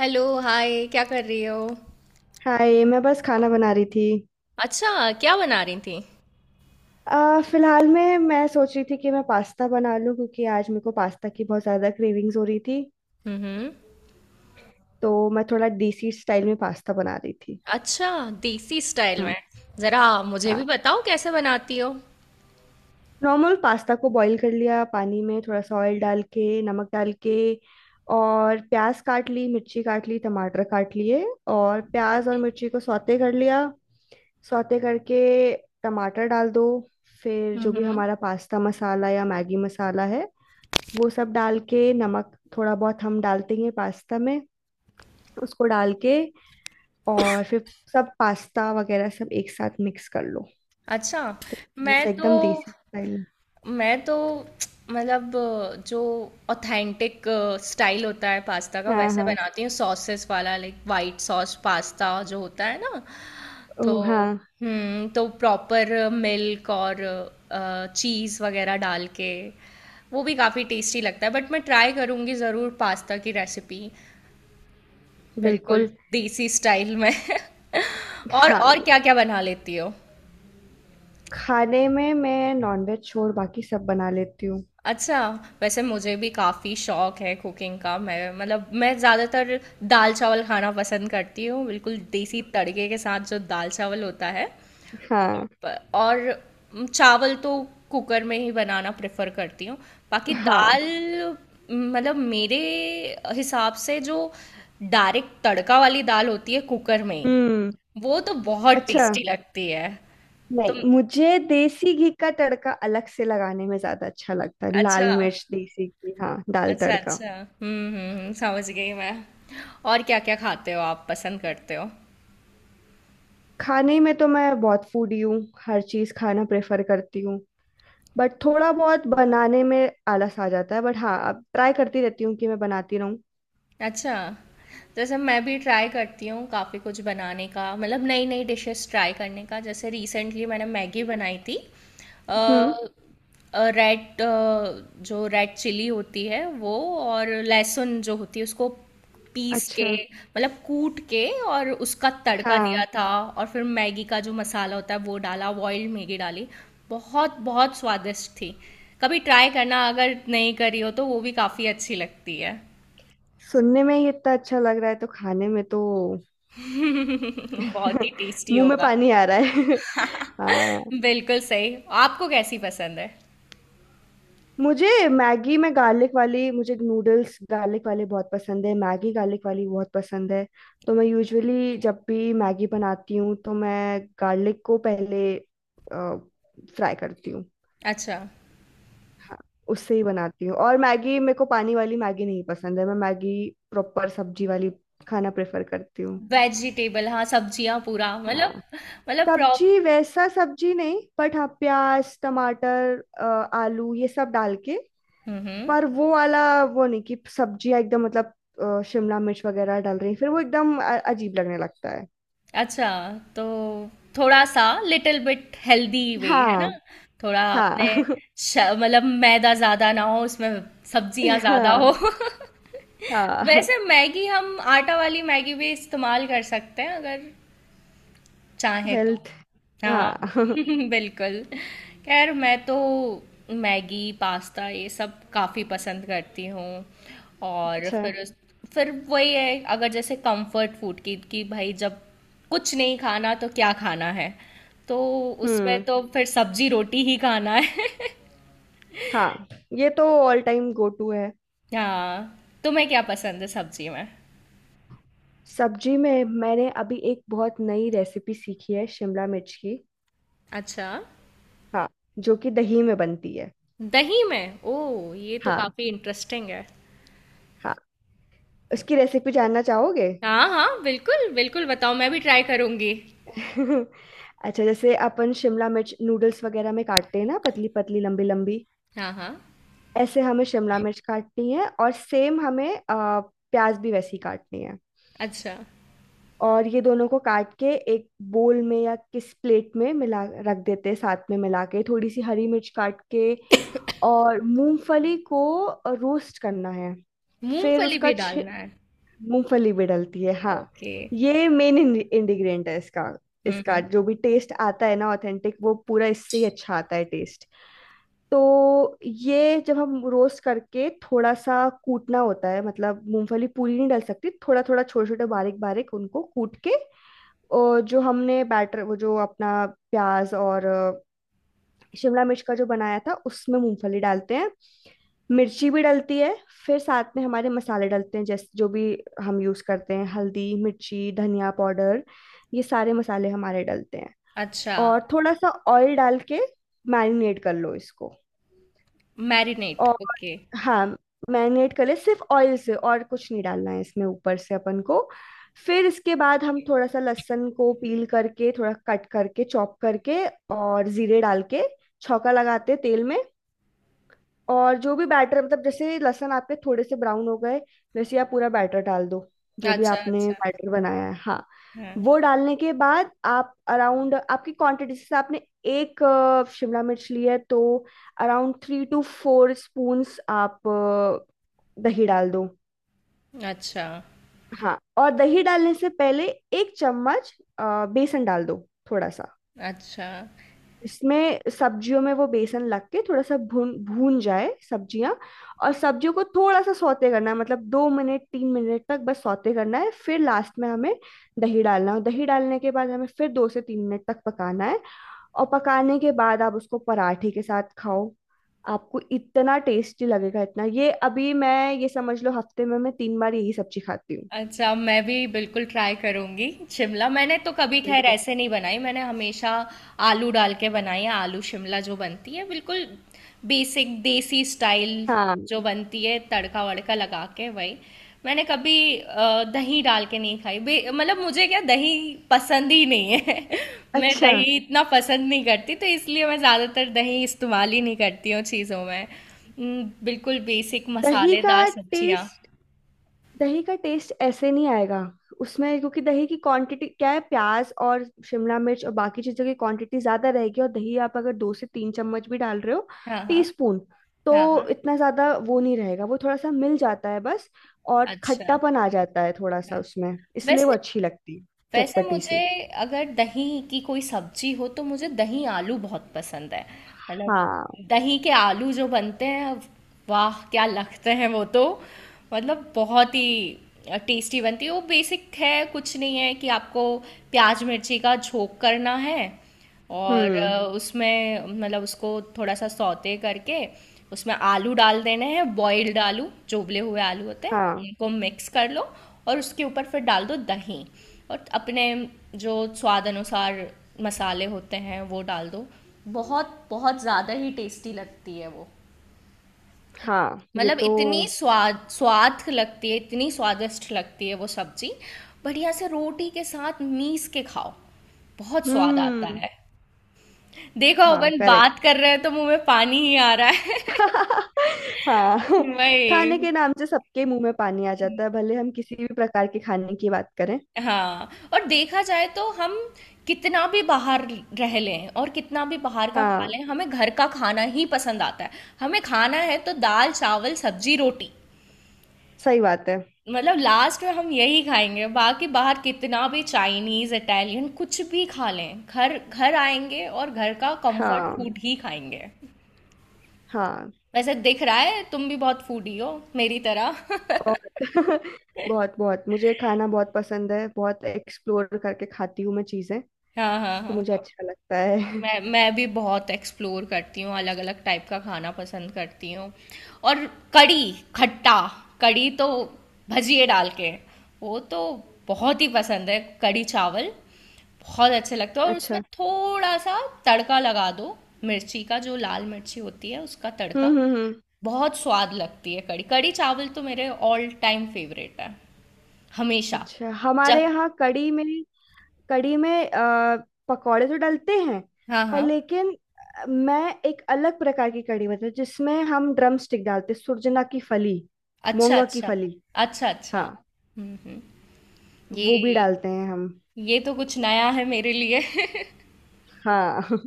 Hello hi, क्या कर रही हो। हाय। मैं बस खाना बना रही थी। अच्छा, क्या बना रही थी। फिलहाल में मैं सोच रही थी कि मैं पास्ता बना लूं क्योंकि आज मेरे को पास्ता की बहुत ज़्यादा क्रेविंग्स हो रही थी। हम्म। तो मैं थोड़ा देसी स्टाइल में पास्ता बना रही थी। अच्छा। देसी स्टाइल में। हम्म। जरा मुझे भी हाँ, बताओ कैसे बनाती हो। नॉर्मल पास्ता को बॉईल कर लिया पानी में थोड़ा सा ऑयल डाल के नमक डाल के। और प्याज काट ली, मिर्ची काट ली, टमाटर काट लिए। और प्याज और मिर्ची को सौते कर लिया। सौते करके टमाटर डाल दो। फिर जो भी हम्म। हमारा पास्ता मसाला या मैगी मसाला है वो सब डाल के, नमक थोड़ा बहुत हम डालते ही हैं पास्ता में, उसको डाल के और फिर सब पास्ता वगैरह सब एक साथ मिक्स कर लो। अच्छा। तो मैं बस तो एकदम देसी स्टाइल। मैं तो मतलब जो ऑथेंटिक स्टाइल होता है पास्ता का हाँ वैसे हाँ। बनाती हूँ, सॉसेस वाला, लाइक वाइट सॉस पास्ता जो होता है ना। तो ओ, हाँ। हम्म, तो प्रॉपर मिल्क और चीज़ वगैरह डाल के वो भी काफ़ी टेस्टी लगता है, बट मैं ट्राई करूँगी ज़रूर पास्ता की रेसिपी। बिल्कुल बिल्कुल। देसी स्टाइल में। और हाँ, और क्या क्या बना लेती हो। खाने में मैं नॉनवेज छोड़ बाकी सब बना लेती हूँ। अच्छा, वैसे मुझे भी काफ़ी शौक है कुकिंग का। मैं ज़्यादातर दाल चावल खाना पसंद करती हूँ, बिल्कुल देसी तड़के के साथ जो दाल चावल होता है। हाँ। और चावल तो कुकर में ही बनाना प्रेफर करती हूँ। बाकी हाँ। दाल मतलब मेरे हिसाब से जो डायरेक्ट तड़का वाली दाल होती है कुकर में, हम्म। वो तो बहुत अच्छा। टेस्टी लगती है। नहीं, तुम। मुझे देसी घी का तड़का अलग से लगाने में ज्यादा अच्छा लगता है। अच्छा। लाल मिर्च देसी घी, हाँ, दाल अच्छा तड़का। अच्छा, समझ गई मैं। और क्या क्या खाते हो आप, पसंद करते हो। खाने में तो मैं बहुत फूडी हूँ। हर चीज़ खाना प्रेफर करती हूँ। बट थोड़ा बहुत बनाने में आलस आ जाता है, बट हाँ, अब ट्राई करती रहती हूँ कि मैं बनाती रहूँ। अच्छा, जैसे मैं भी ट्राई करती हूँ काफ़ी कुछ बनाने का, मतलब नई नई डिशेस ट्राई करने का। जैसे रिसेंटली मैंने मैगी बनाई थी। हम्म। रेड जो रेड चिली होती है वो और लहसुन जो होती है उसको पीस के, अच्छा। मतलब कूट के, और उसका तड़का दिया हाँ, था। और फिर मैगी का जो मसाला होता है वो डाला, बॉइल्ड मैगी डाली। बहुत बहुत स्वादिष्ट थी। कभी ट्राई करना, अगर नहीं करी हो तो, वो भी काफ़ी अच्छी लगती है। सुनने में ही इतना अच्छा लग रहा है तो खाने में तो बहुत ही टेस्टी मुंह में होगा। पानी आ रहा है। हाँ, बिल्कुल सही। आपको कैसी पसंद है। मुझे मैगी में गार्लिक वाली, मुझे नूडल्स गार्लिक वाले बहुत पसंद है, मैगी गार्लिक वाली बहुत पसंद है। तो मैं यूजुअली जब भी मैगी बनाती हूँ तो मैं गार्लिक को पहले फ्राई करती हूँ। अच्छा। हाँ, उससे ही बनाती हूँ। और मैगी मेरे को पानी वाली मैगी नहीं पसंद है, मैं मैगी प्रॉपर सब्जी वाली खाना प्रेफर करती हूँ। वेजिटेबल, हाँ सब्जियां पूरा मतलब, हाँ, मतलब प्रॉप सब्जी वैसा सब्जी नहीं, बट हाँ, प्याज टमाटर आलू ये सब डाल के। हम्म हम्म, पर वो वाला, वो नहीं कि सब्जियां एकदम मतलब शिमला मिर्च वगैरह डाल रही हैं। फिर वो एकदम अजीब लगने लगता है। अच्छा, तो थोड़ा सा लिटिल बिट हेल्दी वे है ना। हाँ। थोड़ा अपने हाँ। मतलब मैदा ज्यादा ना हो उसमें, सब्जियां ज्यादा हाँ। हो। हाँ, वैसे मैगी हम आटा वाली मैगी भी इस्तेमाल कर सकते हैं, अगर चाहे तो। हेल्थ। हाँ। हाँ। बिल्कुल। खैर मैं तो मैगी पास्ता ये सब काफ़ी पसंद करती हूँ। और अच्छा। फिर उस फिर वही है, अगर जैसे कंफर्ट फूड की कि भाई जब कुछ नहीं खाना तो क्या खाना है, तो उसमें हम्म। तो फिर सब्जी रोटी ही खाना है। हाँ, ये तो ऑल टाइम गो टू है। हाँ, तुम्हें क्या पसंद है सब्जी में। सब्जी में मैंने अभी एक बहुत नई रेसिपी सीखी है, शिमला मिर्च की। अच्छा। हाँ, जो कि दही में बनती है। दही में, ओ ये तो हाँ। काफ़ी इंटरेस्टिंग है। हाँ, उसकी रेसिपी जानना चाहोगे। हाँ हाँ, बिल्कुल बिल्कुल बताओ, मैं भी ट्राई करूंगी। अच्छा, जैसे अपन शिमला मिर्च नूडल्स वगैरह में काटते हैं ना पतली पतली लंबी लंबी, हाँ हाँ। ऐसे हमें शिमला मिर्च काटनी है। और सेम हमें प्याज भी वैसी काटनी है। अच्छा। और ये दोनों को काट के एक बोल में या किस प्लेट में मिला रख देते हैं, साथ में मिला के, थोड़ी सी हरी मिर्च काट के। और मूंगफली को रोस्ट करना है। फिर मूंगफली उसका भी छ, डालना है। मूंगफली भी डलती है हाँ। ओके। ये मेन इंग्रेडिएंट है इसका। इसका हम्म। जो भी टेस्ट आता है ना ऑथेंटिक, वो पूरा इससे ही अच्छा आता है टेस्ट। तो ये जब हम रोस्ट करके थोड़ा सा कूटना होता है, मतलब मूंगफली पूरी नहीं डल सकती, थोड़ा थोड़ा छोटे छोटे बारीक बारीक उनको कूट के, और जो हमने बैटर वो जो अपना प्याज और शिमला मिर्च का जो बनाया था उसमें मूंगफली डालते हैं। मिर्ची भी डलती है। फिर साथ में हमारे मसाले डलते हैं, जैसे जो भी हम यूज करते हैं, हल्दी मिर्ची धनिया पाउडर, ये सारे मसाले हमारे डलते हैं। अच्छा। और थोड़ा सा ऑयल डाल के मैरिनेट कर लो इसको। मैरिनेट, और ओके। हाँ, मैरिनेट कर ले सिर्फ ऑयल से, और कुछ नहीं डालना है इसमें ऊपर से अपन को। फिर इसके बाद हम थोड़ा सा लहसुन को पील करके, थोड़ा कट करके चॉप करके, और जीरे डाल के छौंका लगाते हैं तेल में। और जो भी बैटर, मतलब जैसे लहसुन आपके थोड़े से ब्राउन हो गए, वैसे आप पूरा बैटर डाल दो, जो भी अच्छा आपने अच्छा, बैटर बनाया है। हाँ, हाँ। वो डालने के बाद आप अराउंड, आपकी क्वांटिटी से, आपने एक शिमला मिर्च ली है तो around three two four spoons आप दही डाल दो। अच्छा, हाँ, और दही डालने से पहले एक चम्मच बेसन डाल दो, थोड़ा सा। अच्छा, इसमें सब्जियों में वो बेसन लग के थोड़ा सा भून भून जाए सब्जियां। और सब्जियों को थोड़ा सा सौते करना है, मतलब दो मिनट तीन मिनट तक बस सौते करना है। फिर लास्ट में हमें दही डालना है, और दही डालने के बाद हमें फिर दो से तीन मिनट तक पकाना है। और पकाने के बाद आप उसको पराठे के साथ खाओ, आपको इतना टेस्टी लगेगा, इतना। ये अभी मैं, ये समझ लो हफ्ते में मैं तीन बार यही सब्जी खाती हूँ। अच्छा, मैं भी बिल्कुल ट्राई करूँगी शिमला। मैंने तो कभी खैर बिल्कुल। ऐसे नहीं बनाई, मैंने हमेशा आलू डाल के बनाई है। आलू शिमला जो बनती है, बिल्कुल बेसिक देसी स्टाइल हाँ। जो बनती है, तड़का वड़का लगा के, वही। मैंने कभी दही डाल के नहीं खाई। मतलब मुझे क्या, दही पसंद ही नहीं है। मैं अच्छा, दही इतना पसंद नहीं करती, तो इसलिए मैं ज़्यादातर दही इस्तेमाल ही नहीं करती हूँ चीज़ों में। बिल्कुल बेसिक दही का मसालेदार सब्जियाँ। टेस्ट, दही का टेस्ट ऐसे नहीं आएगा उसमें, क्योंकि दही की क्वांटिटी क्या है, प्याज और शिमला मिर्च और बाकी चीजों की क्वांटिटी ज्यादा रहेगी, और दही आप अगर दो से तीन चम्मच भी डाल रहे हो, हाँ हाँ टीस्पून, तो हाँ हाँ। इतना ज्यादा वो नहीं रहेगा, वो थोड़ा सा मिल जाता है बस। और अच्छा। खट्टापन आ जाता है थोड़ा हाँ। सा उसमें, इसलिए वो वैसे अच्छी लगती है। वैसे चटपटी मुझे सी। अगर दही की कोई सब्जी हो तो मुझे दही आलू बहुत पसंद है। मतलब हाँ। दही के आलू जो बनते हैं, वाह क्या लगते हैं वो तो, मतलब बहुत ही टेस्टी बनती है वो। बेसिक है, कुछ नहीं है कि आपको प्याज मिर्ची का झोंक करना है और हम्म। उसमें मतलब उसको थोड़ा सा सौते करके उसमें आलू डाल देने हैं। बॉइल्ड आलू, चोबले हुए आलू होते हैं, हाँ। इनको मिक्स कर लो, और उसके ऊपर फिर डाल दो दही, और अपने जो स्वाद अनुसार मसाले होते हैं वो डाल दो। बहुत बहुत ज़्यादा ही टेस्टी लगती है वो, हाँ, ये मतलब तो। इतनी स्वाद स्वाद लगती है, इतनी स्वादिष्ट लगती है वो सब्जी। बढ़िया से रोटी के साथ मीस के खाओ, बहुत स्वाद आता हम्म। है। देखो था अपन करेक्ट। बात कर रहे हैं तो मुंह में पानी ही आ रहा है। हाँ, खाने वही। के नाम से सबके मुंह में पानी आ जाता है भले हम किसी भी प्रकार के खाने की बात करें। हाँ, और देखा जाए तो हम कितना भी बाहर रह लें और कितना भी बाहर का खा हाँ, लें, हमें घर का खाना ही पसंद आता है। हमें खाना है तो दाल चावल सब्जी रोटी, सही बात है। मतलब लास्ट में हम यही खाएंगे। बाकी बाहर कितना भी चाइनीज इटालियन कुछ भी खा लें, घर घर आएंगे और घर का कंफर्ट हाँ। फूड ही खाएंगे। हाँ। वैसे दिख रहा है तुम भी बहुत फूडी हो, मेरी तरह। बहुत। बहुत बहुत, मुझे खाना बहुत पसंद है, बहुत एक्सप्लोर करके खाती हूँ मैं चीज़ें, हाँ हाँ तो हाँ। मुझे अच्छा लगता है। मैं भी बहुत एक्सप्लोर करती हूँ, अलग अलग टाइप का खाना पसंद करती हूँ। और कड़ी खट्टा, कड़ी तो भजिए डाल के, वो तो बहुत ही पसंद है। कड़ी चावल बहुत अच्छे लगते हैं, और उसमें अच्छा। थोड़ा सा तड़का लगा दो, मिर्ची का, जो लाल मिर्ची होती है उसका तड़का, हम्म। बहुत स्वाद लगती है कड़ी। कड़ी चावल तो मेरे ऑल टाइम फेवरेट है हमेशा। अच्छा, हमारे जब, यहाँ कढ़ी में, कढ़ी में पकौड़े तो डलते हैं, हाँ पर हाँ। लेकिन मैं एक अलग प्रकार की कढ़ी, मतलब जिसमें हम ड्रम स्टिक डालते, सुरजना की फली, अच्छा मोंगा की अच्छा, फली। अच्छा अच्छा, हाँ, हम्म। ये वो भी डालते हैं हम। ये तो कुछ नया है मेरे लिए। हाँ।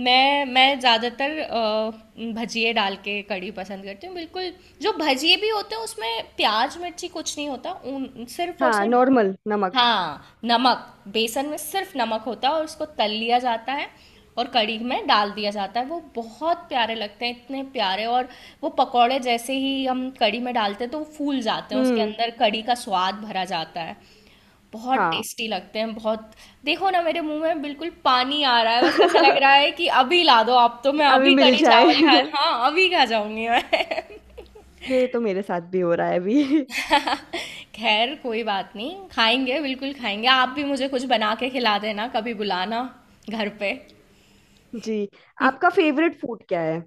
मैं ज़्यादातर भजिए डाल के कढ़ी पसंद करती हूँ। बिल्कुल, जो भजिए भी होते हैं उसमें प्याज मिर्ची कुछ नहीं होता, उन सिर्फ और हाँ, सिर्फ, नॉर्मल नमक। हाँ नमक, बेसन में सिर्फ नमक होता है, और उसको तल लिया जाता है और कढ़ी में डाल दिया जाता है। वो बहुत प्यारे लगते हैं, इतने प्यारे। और वो पकौड़े जैसे ही हम कढ़ी में डालते हैं तो वो फूल जाते हैं, उसके हम्म। अंदर कढ़ी का स्वाद भरा जाता है। बहुत हाँ। टेस्टी लगते हैं, बहुत। देखो ना, मेरे मुंह में बिल्कुल पानी आ रहा है, बस ऐसा लग रहा है कि अभी ला दो आप तो कि मैं हमें अभी मिल कढ़ी जाए। चावल खा, हाँ अभी खा जाऊंगी मैं। ये तो मेरे साथ भी हो रहा है अभी। खैर कोई बात नहीं, खाएंगे बिल्कुल, खाएंगे। आप भी मुझे कुछ बना के खिला देना, कभी बुलाना घर पे। जी। आपका फेवरेट फूड क्या है।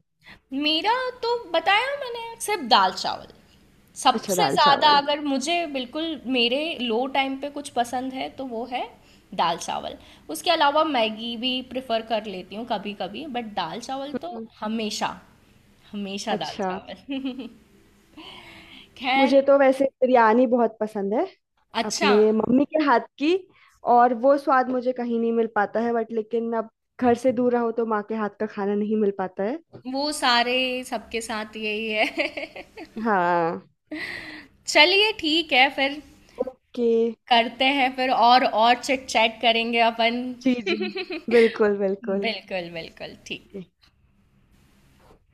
मेरा, तो बताया मैंने, सिर्फ दाल चावल। अच्छा, सबसे दाल ज़्यादा चावल। अगर मुझे बिल्कुल मेरे लो टाइम पे कुछ पसंद है तो वो है दाल चावल। उसके अलावा मैगी भी प्रेफर कर लेती हूँ कभी कभी, बट दाल चावल तो हम्म। हमेशा, हमेशा दाल अच्छा, चावल। खैर। मुझे तो वैसे बिरयानी बहुत पसंद है, अच्छा, अपने मम्मी के हाथ की। और वो स्वाद मुझे कहीं नहीं मिल पाता है, बट लेकिन अब घर से दूर रहो तो माँ के हाथ का खाना नहीं मिल पाता है। वो सारे सबके साथ यही है। हाँ। चलिए ठीक है फिर, ओके। करते हैं फिर, और चिट चैट करेंगे अपन। जी जी, बिल्कुल बिल्कुल। बिल्कुल बिल्कुल ठीक।